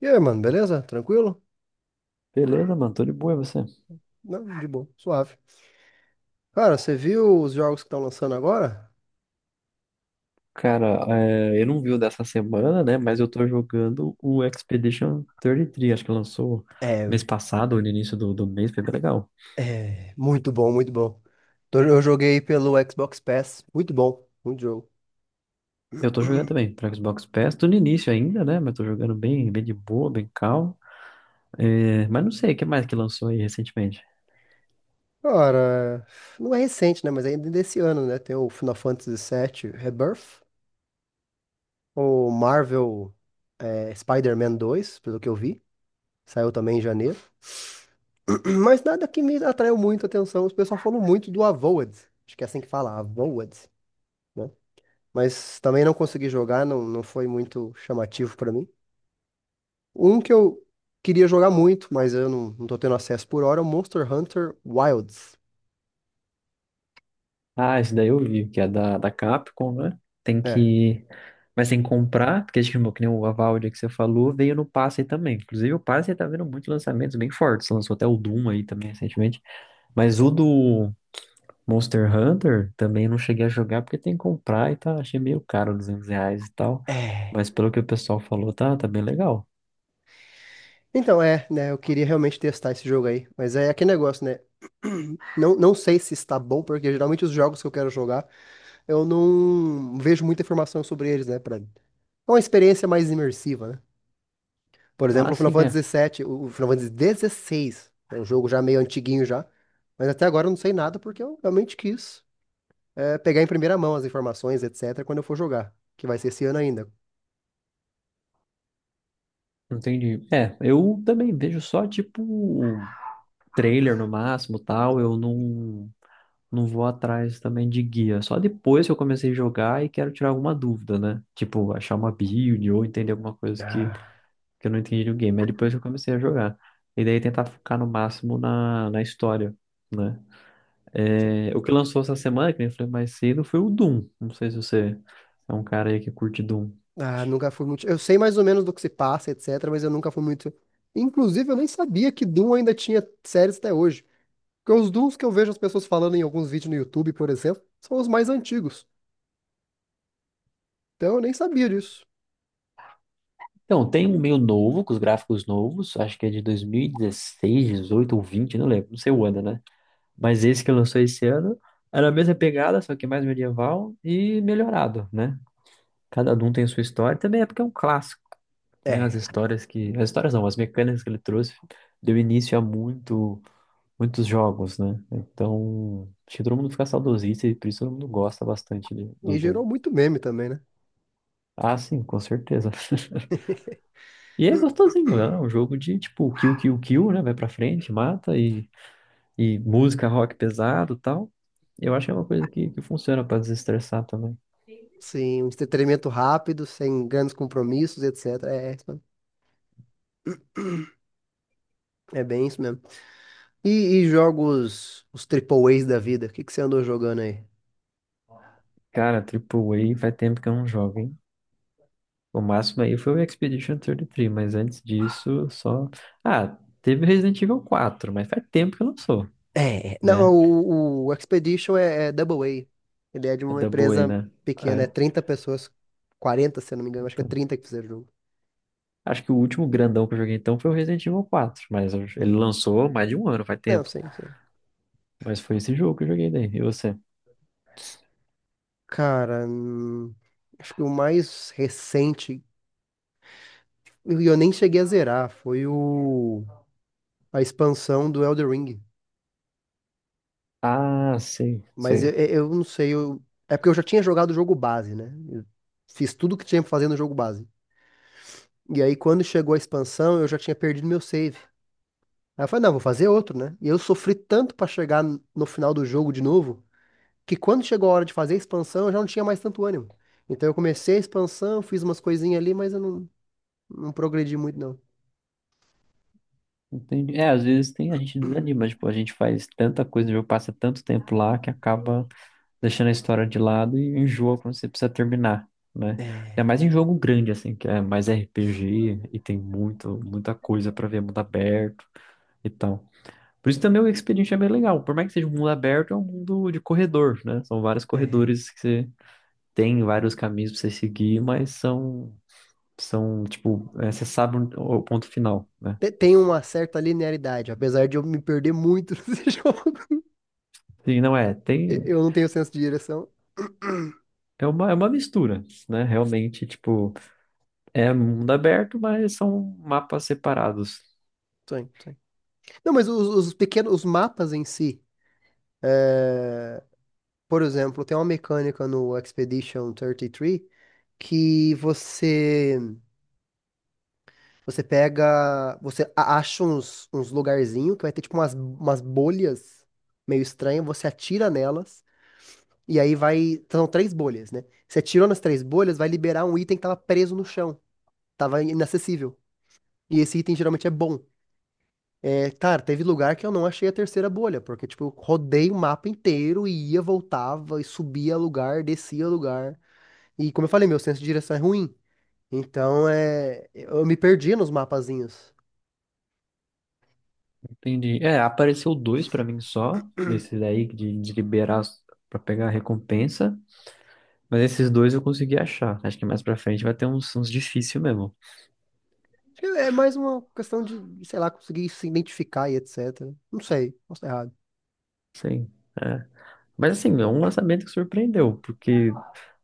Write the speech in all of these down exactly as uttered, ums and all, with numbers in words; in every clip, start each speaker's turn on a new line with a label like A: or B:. A: E aí, mano, beleza? Tranquilo?
B: Beleza, mano, tô de boa, e você?
A: Não, de boa, suave. Cara, você viu os jogos que estão lançando agora?
B: Cara, é, eu não vi o dessa semana, né? Mas eu tô jogando o Expedition trinta e três, acho que lançou
A: É,
B: mês passado ou no início do, do mês, foi bem legal.
A: é, muito bom, muito bom. Tô- Eu joguei pelo Xbox Pass, muito bom, muito jogo.
B: Eu tô jogando também pra Xbox Pass, tô no início ainda, né? Mas tô jogando bem, bem de boa, bem calmo. É, mas não sei, o que mais que lançou aí recentemente?
A: Cara, não é recente, né? Mas ainda desse ano, né? Tem o Final Fantasy sete Rebirth, o Marvel, é, Spider-Man dois, pelo que eu vi, saiu também em janeiro. Mas nada que me atraiu muito a atenção. Os pessoal falou muito do Avowed, acho que é assim que fala, Avowed, né? Mas também não consegui jogar, não, não foi muito chamativo pra mim. Um que eu queria jogar muito, mas eu não, não tô tendo acesso por hora, é o Monster Hunter Wilds.
B: Ah, esse daí eu vi, que é da, da Capcom, né? Tem
A: É.
B: que. Mas tem que comprar, porque acho que que nem o Avowed que você falou, veio no passe aí também. Inclusive, o passe aí tá vendo muitos lançamentos bem fortes. Lançou até o Doom aí também recentemente. Mas o do Monster Hunter também não cheguei a jogar porque tem que comprar e tá. Achei meio caro, duzentos reais e tal.
A: É.
B: Mas pelo que o pessoal falou, tá, tá bem legal.
A: Então, é, né? Eu queria realmente testar esse jogo aí. Mas é aquele negócio, né? Não, não sei se está bom, porque geralmente os jogos que eu quero jogar, eu não vejo muita informação sobre eles, né? Pra... É uma experiência mais imersiva, né? Por exemplo,
B: Ah,
A: o Final
B: sim, é.
A: Fantasy sete, o o Final Fantasy dezesseis, é um jogo já meio antiguinho já, mas até agora eu não sei nada porque eu realmente quis é, pegar em primeira mão as informações, etc, quando eu for jogar, que vai ser esse ano ainda.
B: Entendi. É, eu também vejo só tipo trailer no máximo, tal. Eu não. Não vou atrás também de guia. Só depois que eu comecei a jogar e quero tirar alguma dúvida, né? Tipo, achar uma build ou entender alguma coisa que,
A: Ah,
B: que eu não entendi no game. É depois que eu comecei a jogar. E daí tentar focar no máximo na, na história, né?
A: sim.
B: É, o que lançou essa semana, que nem eu falei mais cedo, foi o Doom. Não sei se você é um cara aí que curte Doom.
A: Ah, nunca fui muito. Eu sei mais ou menos do que se passa, etc, mas eu nunca fui muito. Inclusive, eu nem sabia que Doom ainda tinha séries até hoje. Porque os Dooms que eu vejo as pessoas falando em alguns vídeos no YouTube, por exemplo, são os mais antigos. Então eu nem sabia disso.
B: Então, tem um meio novo, com os gráficos novos, acho que é de dois mil e dezesseis, dezoito ou vinte, não lembro, não sei o ano, né? Mas esse que lançou esse ano era a mesma pegada, só que mais medieval e melhorado, né? Cada um tem sua história. Também é porque é um clássico, né? As
A: É.
B: histórias que... As histórias não, as mecânicas que ele trouxe deu início a muito, muitos jogos, né? Então, acho que todo mundo fica saudosista e por isso todo mundo gosta bastante de-
A: E
B: do Doom.
A: gerou muito meme também, né?
B: Ah, sim, com certeza. E é gostosinho, né? É um jogo de, tipo, kill, kill, kill, né? Vai pra frente, mata e, e música rock pesado e tal. Eu acho que é uma coisa que, que funciona pra desestressar também.
A: Sim, um entretenimento rápido, sem grandes compromissos, etcétera. É, é bem isso mesmo. E, e jogos, os triple A's da vida, o que que você andou jogando aí?
B: Cara, Triple A, faz tempo que eu não jogo, hein? O máximo aí foi o Expedition trinta e três, mas antes disso, só. Ah, teve Resident Evil quatro, mas faz tempo que eu não sou,
A: É,
B: né?
A: não, o, o Expedition é, é Double A. Ele é de
B: É
A: uma
B: Double A,
A: empresa
B: né?
A: pequena, é
B: É,
A: trinta pessoas, quarenta, se eu não me engano, acho que é
B: então.
A: trinta que fizeram o jogo.
B: Acho que o último grandão que eu joguei então foi o Resident Evil quatro, mas eu- ele
A: Hum.
B: lançou mais de um ano, faz
A: Não,
B: tempo.
A: sim, sim.
B: Mas foi esse jogo que eu joguei daí. E você?
A: Cara, hum, acho que o mais recente, e eu nem cheguei a zerar, foi o a expansão do Elden Ring.
B: Ah, sei,
A: Mas eu,
B: sei.
A: eu eu não sei, eu, é porque eu já tinha jogado o jogo base, né? Eu fiz tudo que tinha pra fazer no jogo base. E aí, quando chegou a expansão, eu já tinha perdido meu save. Aí eu falei, não, vou fazer outro, né? E eu sofri tanto pra chegar n- no final do jogo de novo, que quando chegou a hora de fazer a expansão, eu já não tinha mais tanto ânimo. Então eu comecei a expansão, fiz umas coisinhas ali, mas eu não, não progredi muito, não.
B: Entendi. É, às vezes tem, a gente desanima, tipo, a gente faz tanta coisa, o jogo passa tanto tempo lá que acaba deixando a história de lado e enjoa quando você precisa terminar, né? Ainda
A: É,
B: mais em jogo grande, assim, que é mais R P G e tem muito, muita coisa pra ver, mundo aberto e tal. Por isso também o Expedient é bem legal. Por mais que seja um mundo aberto, é um mundo de corredor, né? São vários
A: é.
B: corredores que você tem, vários caminhos pra você seguir, mas são, são, tipo, é, você sabe onde- o ponto final, né?
A: Te- Tem uma certa linearidade, apesar de eu me perder muito nesse jogo.
B: Sim, não é,
A: E-
B: tem...
A: Eu não tenho senso de direção.
B: É uma, é uma mistura, né? Realmente, tipo, é mundo aberto, mas são mapas separados.
A: Sim, sim. Não, mas os, os pequenos, os mapas em si, por exemplo, tem uma mecânica no Expedition trinta e três que você Você pega. Você a- acha uns, uns lugarzinhos que vai ter tipo umas, umas bolhas meio estranhas. Você atira nelas. E aí vai. São três bolhas, né? Você atirou nas três bolhas, vai liberar um item que tava preso no chão. Tava inacessível. E esse item geralmente é bom. É, cara, teve lugar que eu não achei a terceira bolha, porque, tipo, eu rodei o mapa inteiro e ia, voltava, e subia lugar, descia lugar. E como eu falei, meu senso de direção é ruim. Então, é, eu me perdi nos mapazinhos.
B: Entendi. É, apareceu dois pra mim só, desses aí de, de liberar as- pra pegar a recompensa. Mas esses dois eu consegui achar. Acho que mais pra frente vai ter uns, uns difícil mesmo.
A: Acho que é mais uma questão de, de, sei lá, conseguir se identificar e etcétera. Não sei, posso estar errado.
B: Sim. É. Mas assim, é um lançamento que surpreendeu, porque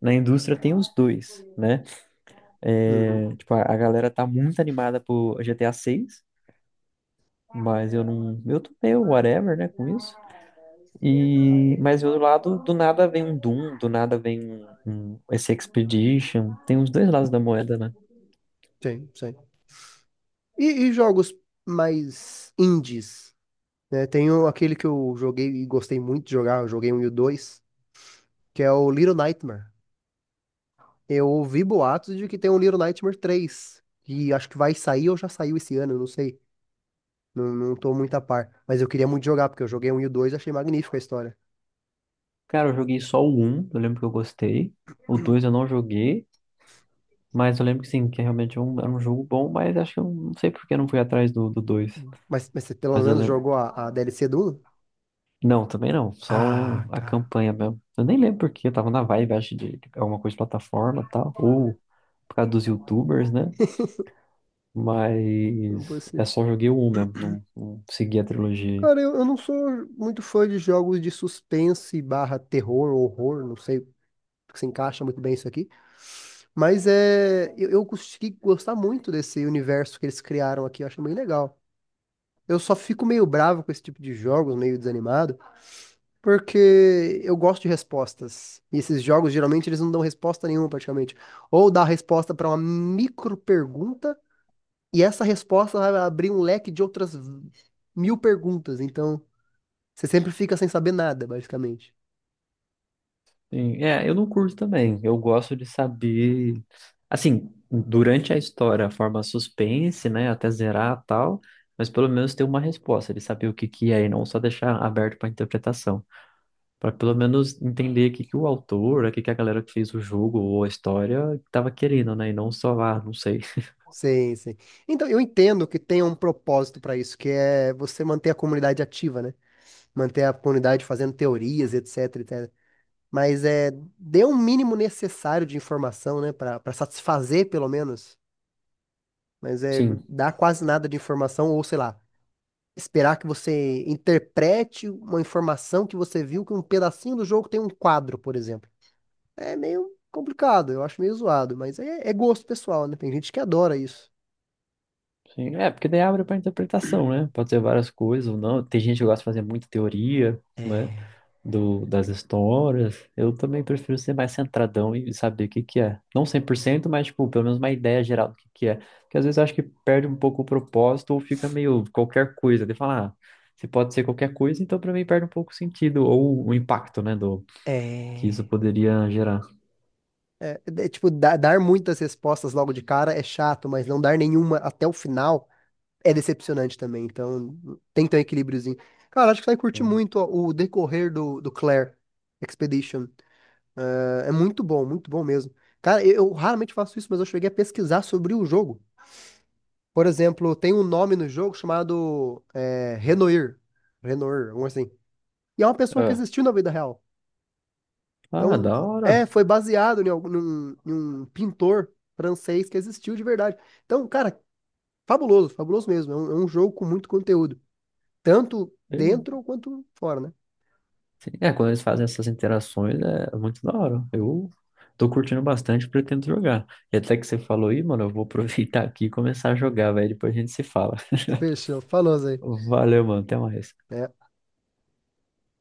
B: na indústria tem os dois, né?
A: Uhum.
B: É, tipo, a, a galera tá muito animada por G T A seis, mas eu não. Eu tô meio whatever, né, com isso. E, mas do outro lado, do nada vem um Doom, do nada vem um, um esse Expedition. Tem os dois lados da moeda, né?
A: Sim, sim. E, e jogos mais indies, né? Tem o- aquele que eu joguei e gostei muito de jogar, eu joguei um e o dois, que é o Little Nightmare. Eu ouvi boatos de que tem um Little Nightmare três, e acho que vai sair ou já saiu esse ano, eu não sei. Não, não tô muito a par, mas eu queria muito jogar, porque eu joguei um e o dois e achei magnífica a história.
B: Cara, eu joguei só o um. Eu lembro que eu gostei. O dois eu não joguei, mas eu lembro que sim, que realmente é um- era um jogo bom, mas acho que eu não sei por que eu não fui atrás do, do dois.
A: Mas, mas você pelo
B: Mas eu
A: menos
B: lembro.
A: jogou a, a D L C do um?
B: Não, também não, só o-
A: Ah,
B: a
A: cara.
B: campanha mesmo. Eu nem lembro porque eu tava na vibe, acho, de alguma coisa de plataforma e tal, ou por causa dos YouTubers, né?
A: Não.
B: Mas é só joguei o um mesmo, não, não segui a trilogia.
A: Cara, eu, eu não sou muito fã de jogos de suspense barra terror, horror, não sei se encaixa muito bem isso aqui. Mas é, eu, eu consegui gostar muito desse universo que eles criaram aqui, eu acho bem legal. Eu só fico meio bravo com esse tipo de jogos, meio desanimado, porque eu gosto de respostas. E esses jogos, geralmente, eles não dão resposta nenhuma, praticamente. Ou dá resposta para uma micro pergunta, e essa resposta vai abrir um leque de outras mil perguntas. Então. Você sempre fica sem saber nada, basicamente.
B: Sim, é, eu não curto também. Eu gosto de saber, assim, durante a história, a forma suspense, né, até zerar e tal, mas pelo menos ter uma resposta, de saber o que que é e não só deixar aberto para interpretação, para pelo menos entender o que que o autor, o que que a galera que fez o jogo ou a história estava querendo, né, e não só, ah, não sei.
A: Sim, sim. Então, eu entendo que tem um propósito para isso, que é você manter a comunidade ativa, né? Manter a comunidade fazendo teorias, etc, etcétera. Mas é, dê um mínimo necessário de informação, né? Para para satisfazer, pelo menos. Mas é
B: Sim.
A: dar quase nada de informação, ou sei lá, esperar que você interprete uma informação que você viu que um pedacinho do jogo tem um quadro, por exemplo. É meio complicado, eu acho meio zoado, mas é, é gosto pessoal, né? Tem gente que adora isso.
B: Sim, é, porque daí abre para interpretação, né? Pode ser várias coisas ou não. Tem gente que gosta de fazer muita teoria, né,
A: É,
B: do, das histórias. Eu também prefiro ser mais centradão e saber o que que é. Não cem por cento, mas, tipo, pelo menos uma ideia geral do que que é. Porque às vezes eu acho que perde um pouco o propósito ou fica meio qualquer coisa. De falar, ah, se pode ser qualquer coisa, então pra mim perde um pouco o sentido ou o impacto, né, do que isso
A: é,
B: poderia gerar.
A: é, é, tipo, dar, dar muitas respostas logo de cara é chato, mas não dar nenhuma até o final é decepcionante também. Então, tem que ter um equilíbriozinho. Cara, acho que você vai curtir
B: Sim.
A: muito ó, o decorrer do, do Claire Expedition. É, é muito bom, muito bom mesmo. Cara, eu, eu raramente faço isso, mas eu cheguei a pesquisar sobre o jogo. Por exemplo, tem um nome no jogo chamado é, Renoir. Renoir, alguma coisa assim. E é uma pessoa que
B: É.
A: existiu na vida real.
B: Ah,
A: Então,
B: da hora.
A: é, foi baseado em algum- num, em um pintor francês que existiu de verdade. Então, cara, fabuloso, fabuloso mesmo. É um, é um jogo com muito conteúdo, tanto dentro quanto fora, né?
B: Sim, é, quando eles fazem essas interações é é muito da hora. Eu tô curtindo bastante, pretendo jogar. E até que você falou aí, mano, eu vou aproveitar aqui e começar a jogar, velho. Depois a gente se fala.
A: Fechou, falou, Zé.
B: Valeu, mano. Até mais.
A: É,